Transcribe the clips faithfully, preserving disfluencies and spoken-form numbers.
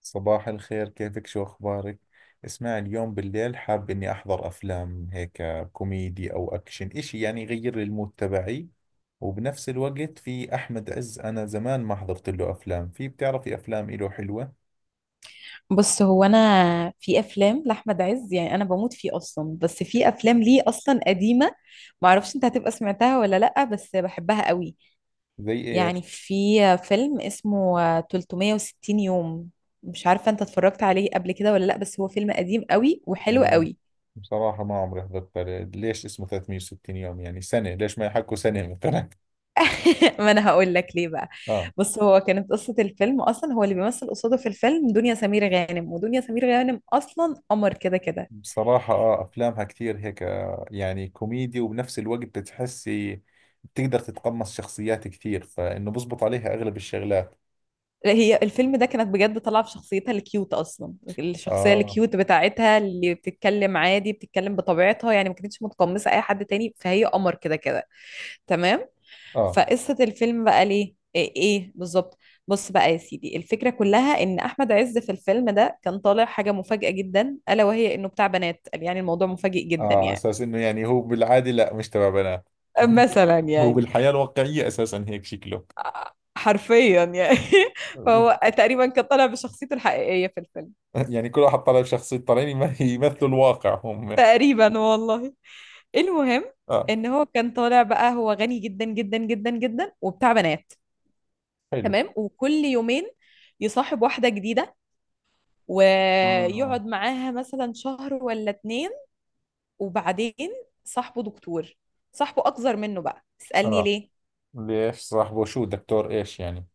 صباح الخير، كيفك؟ شو أخبارك؟ اسمع، اليوم بالليل حاب إني أحضر أفلام، هيك كوميدي أو أكشن، إشي يعني يغير لي المود تبعي. وبنفس الوقت في أحمد عز، أنا زمان ما حضرت له أفلام. في بتعرفي أفلام إله حلوة؟ بص، هو انا في افلام لاحمد عز، يعني انا بموت فيه اصلا. بس في افلام ليه اصلا قديمه، ما اعرفش انت هتبقى سمعتها ولا لا، بس بحبها قوي. زي يعني إيش؟ في فيلم اسمه تلتمية وستين يوم. مش عارفه انت اتفرجت عليه قبل كده ولا لا، بس هو فيلم قديم قوي وحلو لا، قوي. بصراحة ما عمري حضرت له. ليش اسمه ثلاث مية وستين يوم يعني سنة؟ ليش ما يحكوا سنة مثلا؟ ما انا هقول لك ليه بقى. آه، بص، هو كانت قصه الفيلم اصلا هو اللي بيمثل قصاده في الفيلم دنيا سمير غانم، ودنيا سمير غانم اصلا قمر كده كده. بصراحة اه افلامها كتير هيك، آه، يعني كوميدي وبنفس الوقت بتحسي بتقدر تتقمص شخصيات كتير، فانه بزبط عليها اغلب الشغلات. لا هي الفيلم ده كانت بجد طالعه في شخصيتها الكيوت اصلا. الشخصيه اه، الكيوت بتاعتها اللي بتتكلم عادي، بتتكلم بطبيعتها يعني، ما كانتش متقمصه اي حد تاني، فهي قمر كده كده. تمام. اه، فقصه الفيلم بقى ليه ايه, إيه بالظبط؟ بص بقى يا سيدي، الفكره كلها ان احمد عز في الفيلم ده كان طالع حاجه مفاجاه جدا، الا وهي انه بتاع بنات. يعني الموضوع مفاجئ جدا اه، على يعني. اساس انه يعني هو بالعادة لا، مش تبع بنات هو. مثلا هو يعني. بالحياة الواقعية اساسا هيك شكله. حرفيا يعني. فهو تقريبا كان طالع بشخصيته الحقيقيه في الفيلم. يعني كل واحد طالع بشخصية، طالعين يم- يمثلوا الواقع هم. تقريبا والله. المهم اه. ان هو كان طالع بقى، هو غني جدا جدا جدا جدا وبتاع بنات. حلو. تمام. وكل يومين يصاحب واحدة جديدة، اه، ويقعد معاها مثلا شهر ولا اتنين. وبعدين، صاحبه دكتور، صاحبه اكبر منه بقى، اسألني اه، ليه. ليش صاحبه شو دكتور؟ ايش يعني؟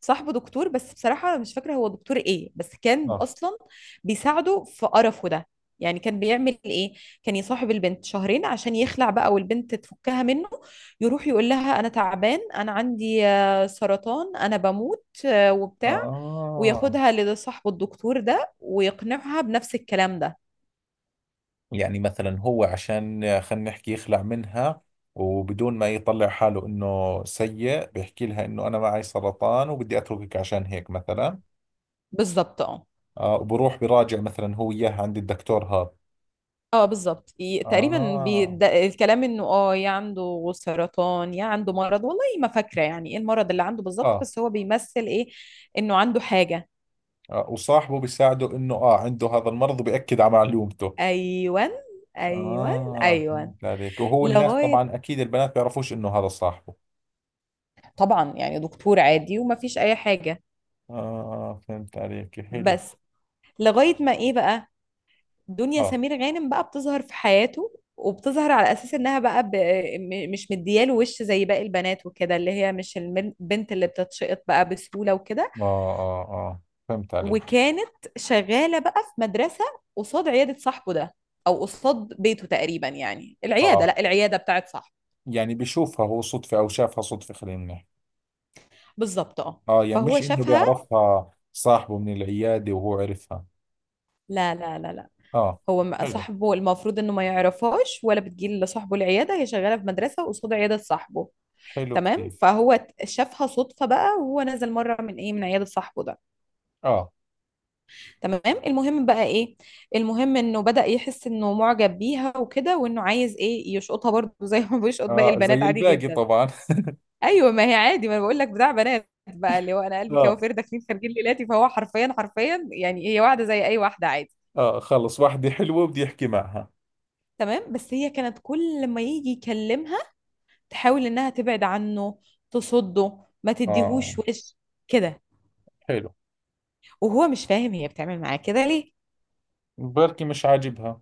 صاحبه دكتور، بس بصراحة مش فاكرة هو دكتور ايه، بس كان اه، اصلا بيساعده في قرفه ده. يعني كان بيعمل ايه؟ كان يصاحب البنت شهرين عشان يخلع بقى، والبنت تفكها منه. يروح يقول لها انا تعبان، انا عندي آه، سرطان، انا بموت آه، وبتاع. اه، وياخدها لصاحبه الدكتور ده، ويقنعها بنفس الكلام ده. يعني مثلا هو عشان خلينا نحكي يخلع منها، وبدون ما يطلع حاله انه سيء بيحكي لها انه انا معي سرطان وبدي اتركك عشان هيك مثلا. بالظبط اه. آه، وبروح براجع مثلا هو اياها عند الدكتور هذا. اه بالظبط، ي- تقريبا آه، بيد... الكلام انه اه يا عنده سرطان يا عنده مرض، والله ما فاكره يعني ايه المرض اللي عنده بالظبط، آه، بس هو بيمثل ايه. انه عنده حاجه. اه، وصاحبه بيساعده انه اه عنده هذا المرض وبيأكد على معلومته. ايوان، ايوان، اه، ايوان. فهمت عليك. وهو الناس لغايه. طبعا اكيد البنات بيعرفوش انه هذا صاحبه. طبعا يعني دكتور عادي وما فيش اي حاجه. اه فهمت عليك، حلو. بس لغايه ما ايه بقى، دنيا اه، سمير غانم بقى بتظهر في حياته، وبتظهر على اساس انها بقى ب... م- مش مدياله وش زي باقي البنات وكده، اللي هي مش البنت اللي بتتشقط بقى بسهوله وكده. اه، اه، آه فهمت عليك. وكانت شغالة بقى في مدرسة قصاد عيادة صاحبه ده، أو قصاد بيته تقريبا. يعني العيادة اه لا العيادة بتاعت صاحبه. يعني بيشوفها هو صدفة، أو شافها صدفة خلينا نحكي. بالظبط اه. آه يعني فهو مش إنه شافها. بيعرفها صاحبه من العيادة وهو عرفها. لا لا لا لا، آه. هو ما- حلو، صاحبه المفروض انه ما يعرفهاش، ولا بتجي لصاحبه العياده، هي شغاله في مدرسه قصاد عياده صاحبه. حلو تمام. كثير. فهو ت- شافها صدفه بقى، وهو نزل مره من ايه، من عياده صاحبه ده. آه، تمام. المهم بقى ايه؟ المهم انه بدأ يحس انه معجب بيها وكده، وانه عايز ايه، يشقطها برضه زي ما بيشقط باقي آه، البنات زي عادي الباقي جدا. طبعا. ايوه، ما هي عادي، ما انا بقول لك بتاع بنات بقى، اللي هو انا قلبي آه، كوافير داخلين خارجين ليلاتي. فهو حرفيا حرفيا يعني هي واحده زي اي واحده عادي. آه، خلص واحدة حلوة بدي أحكي معها. تمام. بس هي كانت كل ما يجي يكلمها تحاول انها تبعد عنه، تصده، ما آه. تديهوش وش كده. حلو. وهو مش فاهم هي بتعمل معاه كده ليه. بركي مش عاجبها.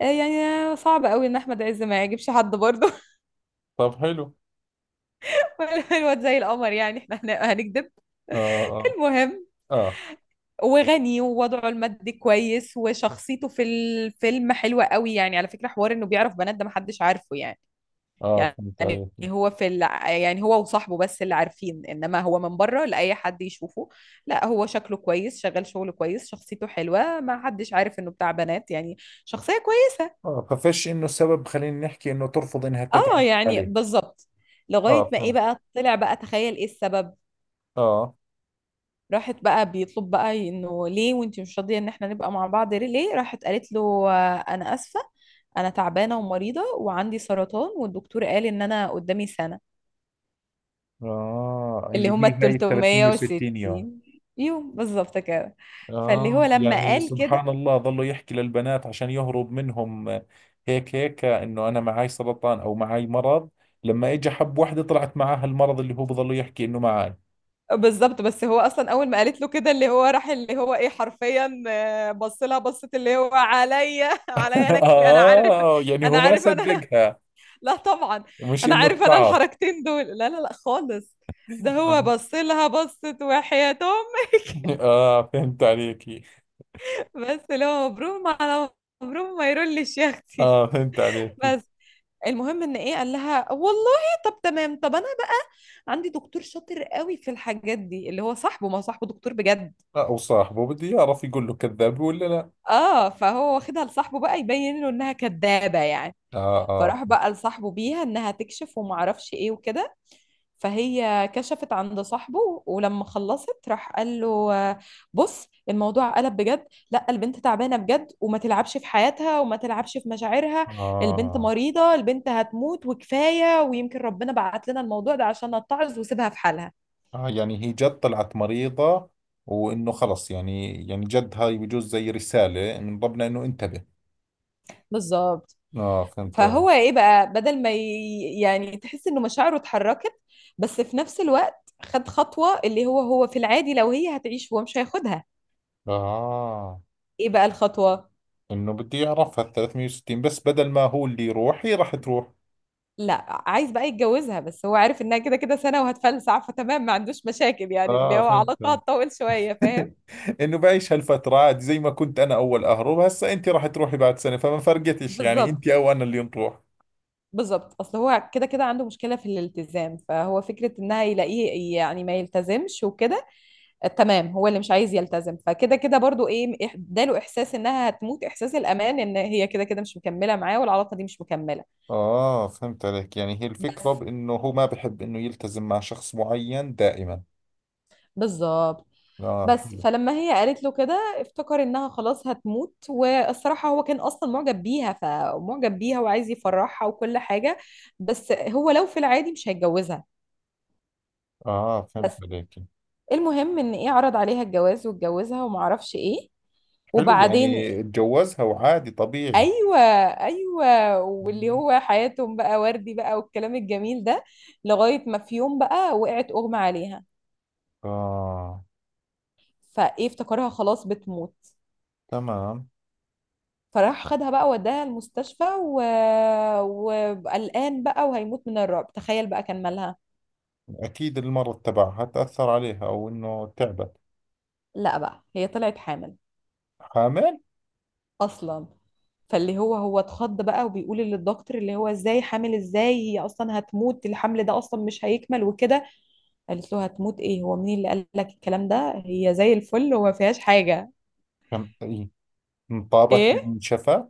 آه، يعني صعب قوي ان احمد عز ما يعجبش حد برضه. طب حلو. ولا الواد زي القمر، يعني احنا هن- هنكذب. آه، آه، المهم آه، وغني ووضعه المادي كويس، وشخصيته في الفيلم حلوة قوي. يعني على فكرة حوار انه بيعرف بنات ده محدش عارفه يعني. آه فهمت يعني عليك. هو في ال... يعني هو وصاحبه بس اللي عارفين، انما هو من بره لأي حد يشوفه، لا هو شكله كويس، شغال شغله كويس، شخصيته حلوة، ما حدش عارف انه بتاع بنات يعني. شخصية كويسة. آه، ففش إنه سبب خلينا نحكي إنه ترفض إنها اه تتعرف يعني عليه. بالظبط. لغاية آه ما ايه فهمت. بقى، طلع بقى، تخيل ايه السبب. آه، راحت بقى، بيطلب بقى انه ليه وانتي مش راضيه ان احنا نبقى مع بعض ليه ليه؟ راحت قالت له آه، انا اسفه. انا تعبانه ومريضه، وعندي سرطان، والدكتور قال ان انا قدامي سنه. آه، اللي اللي هما ال هي هاي ثلاث مية وستين يوم. التلتمية وستين يوم بالظبط كده. فاللي هو آه لما يعني قال سبحان كده الله، ظلوا يحكي للبنات عشان يهرب منهم. آه، هيك هيك، آه، إنه أنا معاي سرطان أو معاي مرض. لما إجا حب وحدة طلعت معاها المرض اللي هو بظلوا يحكي إنه معاي. بالظبط. بس هو اصلا اول ما قالت له كده اللي هو راح، اللي هو ايه، حرفيا آه، بص لها بصت اللي هو عليا، عليا، انا كل- انا عارف. آه، يعني انا هو ما عارف انا. صدقها، لا طبعا مش انا إنه عارف انا اتعظ. الحركتين دول. لا لا لا خالص. ده هو آه، بص لها بصت وحياة امي. آه، فهمت عليكي. بس لو مبروم على مبروم، ما يرولش يا اختي. آه فهمت عليكي. بس المهم ان ايه، قال لها والله طب تمام، طب انا بقى عندي دكتور شاطر قوي في الحاجات دي، اللي هو صاحبه، ما صاحبه دكتور بجد. آه، وصاحبه بده يعرف يقول له كذاب ولا لا. اه فهو واخدها لصاحبه بقى يبين له انها كدابة يعني. آه، آه، فراح بقى لصاحبه بيها انها تكشف وما اعرفش ايه وكده. فهي كشفت عند صاحبه، ولما خلصت راح قال له، آه، بص الموضوع قلب بجد، لا البنت تعبانة بجد، وما تلعبش في حياتها وما تلعبش في مشاعرها. البنت آه، مريضة، البنت هتموت وكفاية، ويمكن ربنا بعت لنا الموضوع ده عشان نتعظ، وسيبها في حالها. اه يعني هي جد طلعت مريضة، وانه خلص يعني، يعني جد هاي بجوز زي رسالة من ربنا انه انتبه. بالظبط. اه فهمت علي. فهو ايه بقى، بدل ما ي... يعني تحس انه مشاعره اتحركت. بس في نفس الوقت خد خطوة، اللي هو، هو في العادي لو هي هتعيش هو مش هياخدها. اه، ايه بقى الخطوة. انه بده يعرفها ال ثلاثمائة وستين بس بدل ما هو اللي يروح هي راح تروح. لا، عايز بقى يتجوزها، بس هو عارف انها كده كده سنة وهتفلسع، فتمام ما عندوش مشاكل، يعني اللي اه هو فهمت علاقة علي. هتطول شوية، فاهم. انه بعيش هالفترة عادي، زي ما كنت انا اول اهرب، هسا انت راح تروحي بعد سنة فما فرقتش يعني بالظبط، انت او انا اللي نروح. بالظبط. اصل هو كده كده عنده مشكلة في الالتزام، فهو فكرة انها يلاقيه يعني ما يلتزمش وكده. تمام هو اللي مش عايز يلتزم، فكده كده برضو ايه، إح- اداله احساس انها هتموت، احساس الامان ان هي كده كده مش مكملة معاه والعلاقة دي مش مكملة. اه فهمت عليك، يعني هي الفكرة بس. بانه هو ما بحب انه يلتزم مع شخص معين دائما. بالظبط. اه بس حلو. فلما هي قالت له كده افتكر انها خلاص هتموت، والصراحة هو كان اصلا معجب بيها فمعجب بيها وعايز يفرحها وكل حاجة. بس هو لو في العادي مش هيتجوزها. اه فهمت بس. عليك. المهم ان ايه، عرض عليها الجواز واتجوزها ومعرفش ايه. حلو وبعدين. يعني اتجوزها وعادي طبيعي. ايوه، ايوه. واللي هو حياتهم بقى وردي بقى والكلام الجميل ده. لغاية ما في يوم بقى وقعت، اغمى عليها. آه. فايه افتكرها خلاص بتموت. تمام. فراح خدها بقى وداها المستشفى و... وقلقان بقى، وهيموت من الرعب. تخيل بقى كان مالها. أكيد المرض تبعها تأثر عليها أو إنه تعبت. لا بقى، هي طلعت حامل حامل؟ اصلا. فاللي هو، هو اتخض بقى وبيقول للدكتور اللي هو ازاي حامل، ازاي هي اصلا هتموت، الحمل ده اصلا مش هيكمل وكده. قالت له، هتموت ايه، هو مين اللي قال لك الكلام ده، هي زي الفل وما فيهاش حاجة. كم إيه؟ انطابت يعني ايه، انشفت؟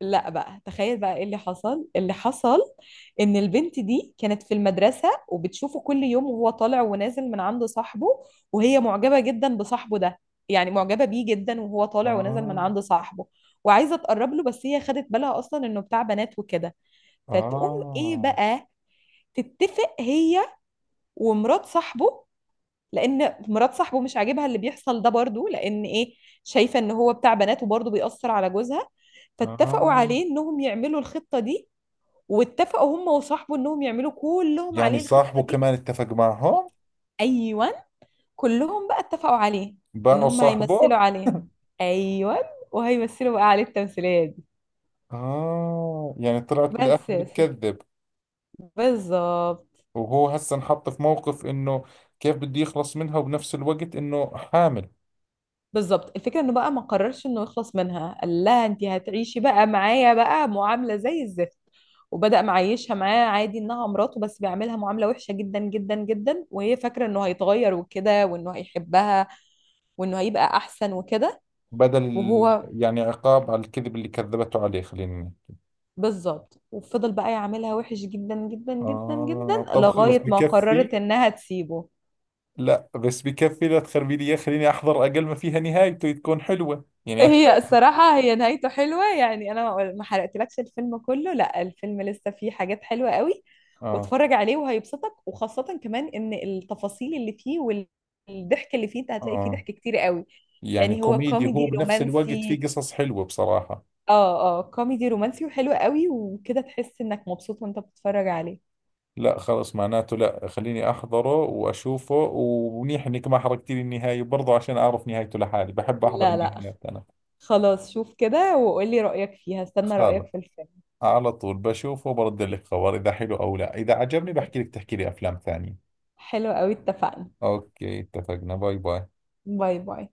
لا بقى تخيل بقى ايه اللي حصل اللي حصل. ان البنت دي كانت في المدرسة وبتشوفه كل يوم وهو طالع ونازل من عند صاحبه. وهي معجبة جدا بصاحبه ده. يعني معجبة بيه جدا، وهو طالع ونازل من آه، عند صاحبه. وعايزة تقرب له، بس هي خدت بالها اصلا انه بتاع بنات وكده. فتقوم ايه آه، بقى تتفق هي ومرات صاحبه. لان مرات صاحبه مش عاجبها اللي بيحصل ده برضو، لان ايه، شايفه ان هو بتاع بنات وبرضو بيأثر على جوزها. فاتفقوا آه، عليه انهم يعملوا الخطه دي. واتفقوا هم وصاحبه انهم يعملوا كلهم يعني عليه الخطه صاحبه دي. كمان اتفق معهم؟ ايوه، كلهم بقى اتفقوا عليه ان باعوا هم هيمثلوا صاحبه. عليه. ايوه، وهيمثلوا بقى عليه التمثيليه دي. آه، يعني طلعت بالآخر بس يا سيدي. بتكذب. بالظبط، وهو هسه انحط في موقف إنه كيف بده يخلص منها وبنفس الوقت إنه حامل. بالظبط. الفكرة انه بقى ما قررش انه يخلص منها، قال لها انت هتعيشي بقى معايا بقى معاملة زي الزفت. وبدأ معيشها معاه عادي انها مراته، بس بيعملها معاملة وحشة جدا جدا جدا، وهي فاكرة انه هيتغير وكده، وانه هيحبها، وانه هيبقى احسن وكده. بدل ال- وهو يعني عقاب على الكذب اللي كذبته عليه خلينا نقول. بالظبط. وفضل بقى يعاملها وحش جدا جدا جدا آه جدا، طب خلص لغاية ما بكفي. قررت انها تسيبه. لا بس بكفي، لا تخربي لي إياه. خليني أحضر، أقل ما فيها نهايته تكون حلوة يعني هي أتفاجئ. الصراحة هي نهايته حلوة، يعني أنا ما ما حرقتلكش الفيلم كله، لا الفيلم لسه فيه حاجات حلوة قوي. آه. واتفرج عليه وهيبسطك، وخاصة كمان إن التفاصيل اللي فيه والضحك اللي فيه أنت هتلاقي فيه آه، ضحك كتير قوي. يعني يعني هو كوميدي هو، كوميدي بنفس الوقت في رومانسي. قصص حلوة بصراحة. اه، اه. كوميدي رومانسي وحلو قوي وكده تحس إنك مبسوط وأنت بتتفرج عليه. لا خلص، معناته لا خليني أحضره وأشوفه. ومنيح إنك ما حرقتي لي النهاية برضه، عشان أعرف نهايته لحالي، بحب أحضر لا، لا. النهايات أنا. خلاص شوف كده وقولي رأيك فيها، استنى خلص، رأيك في الفيلم. على طول بشوفه وبرد لك خبر إذا حلو أو لا. إذا عجبني بحكي لك تحكي لي أفلام ثانية. حلو قوي، اتفقنا. اوكي، اتفقنا. باي باي. باي، باي.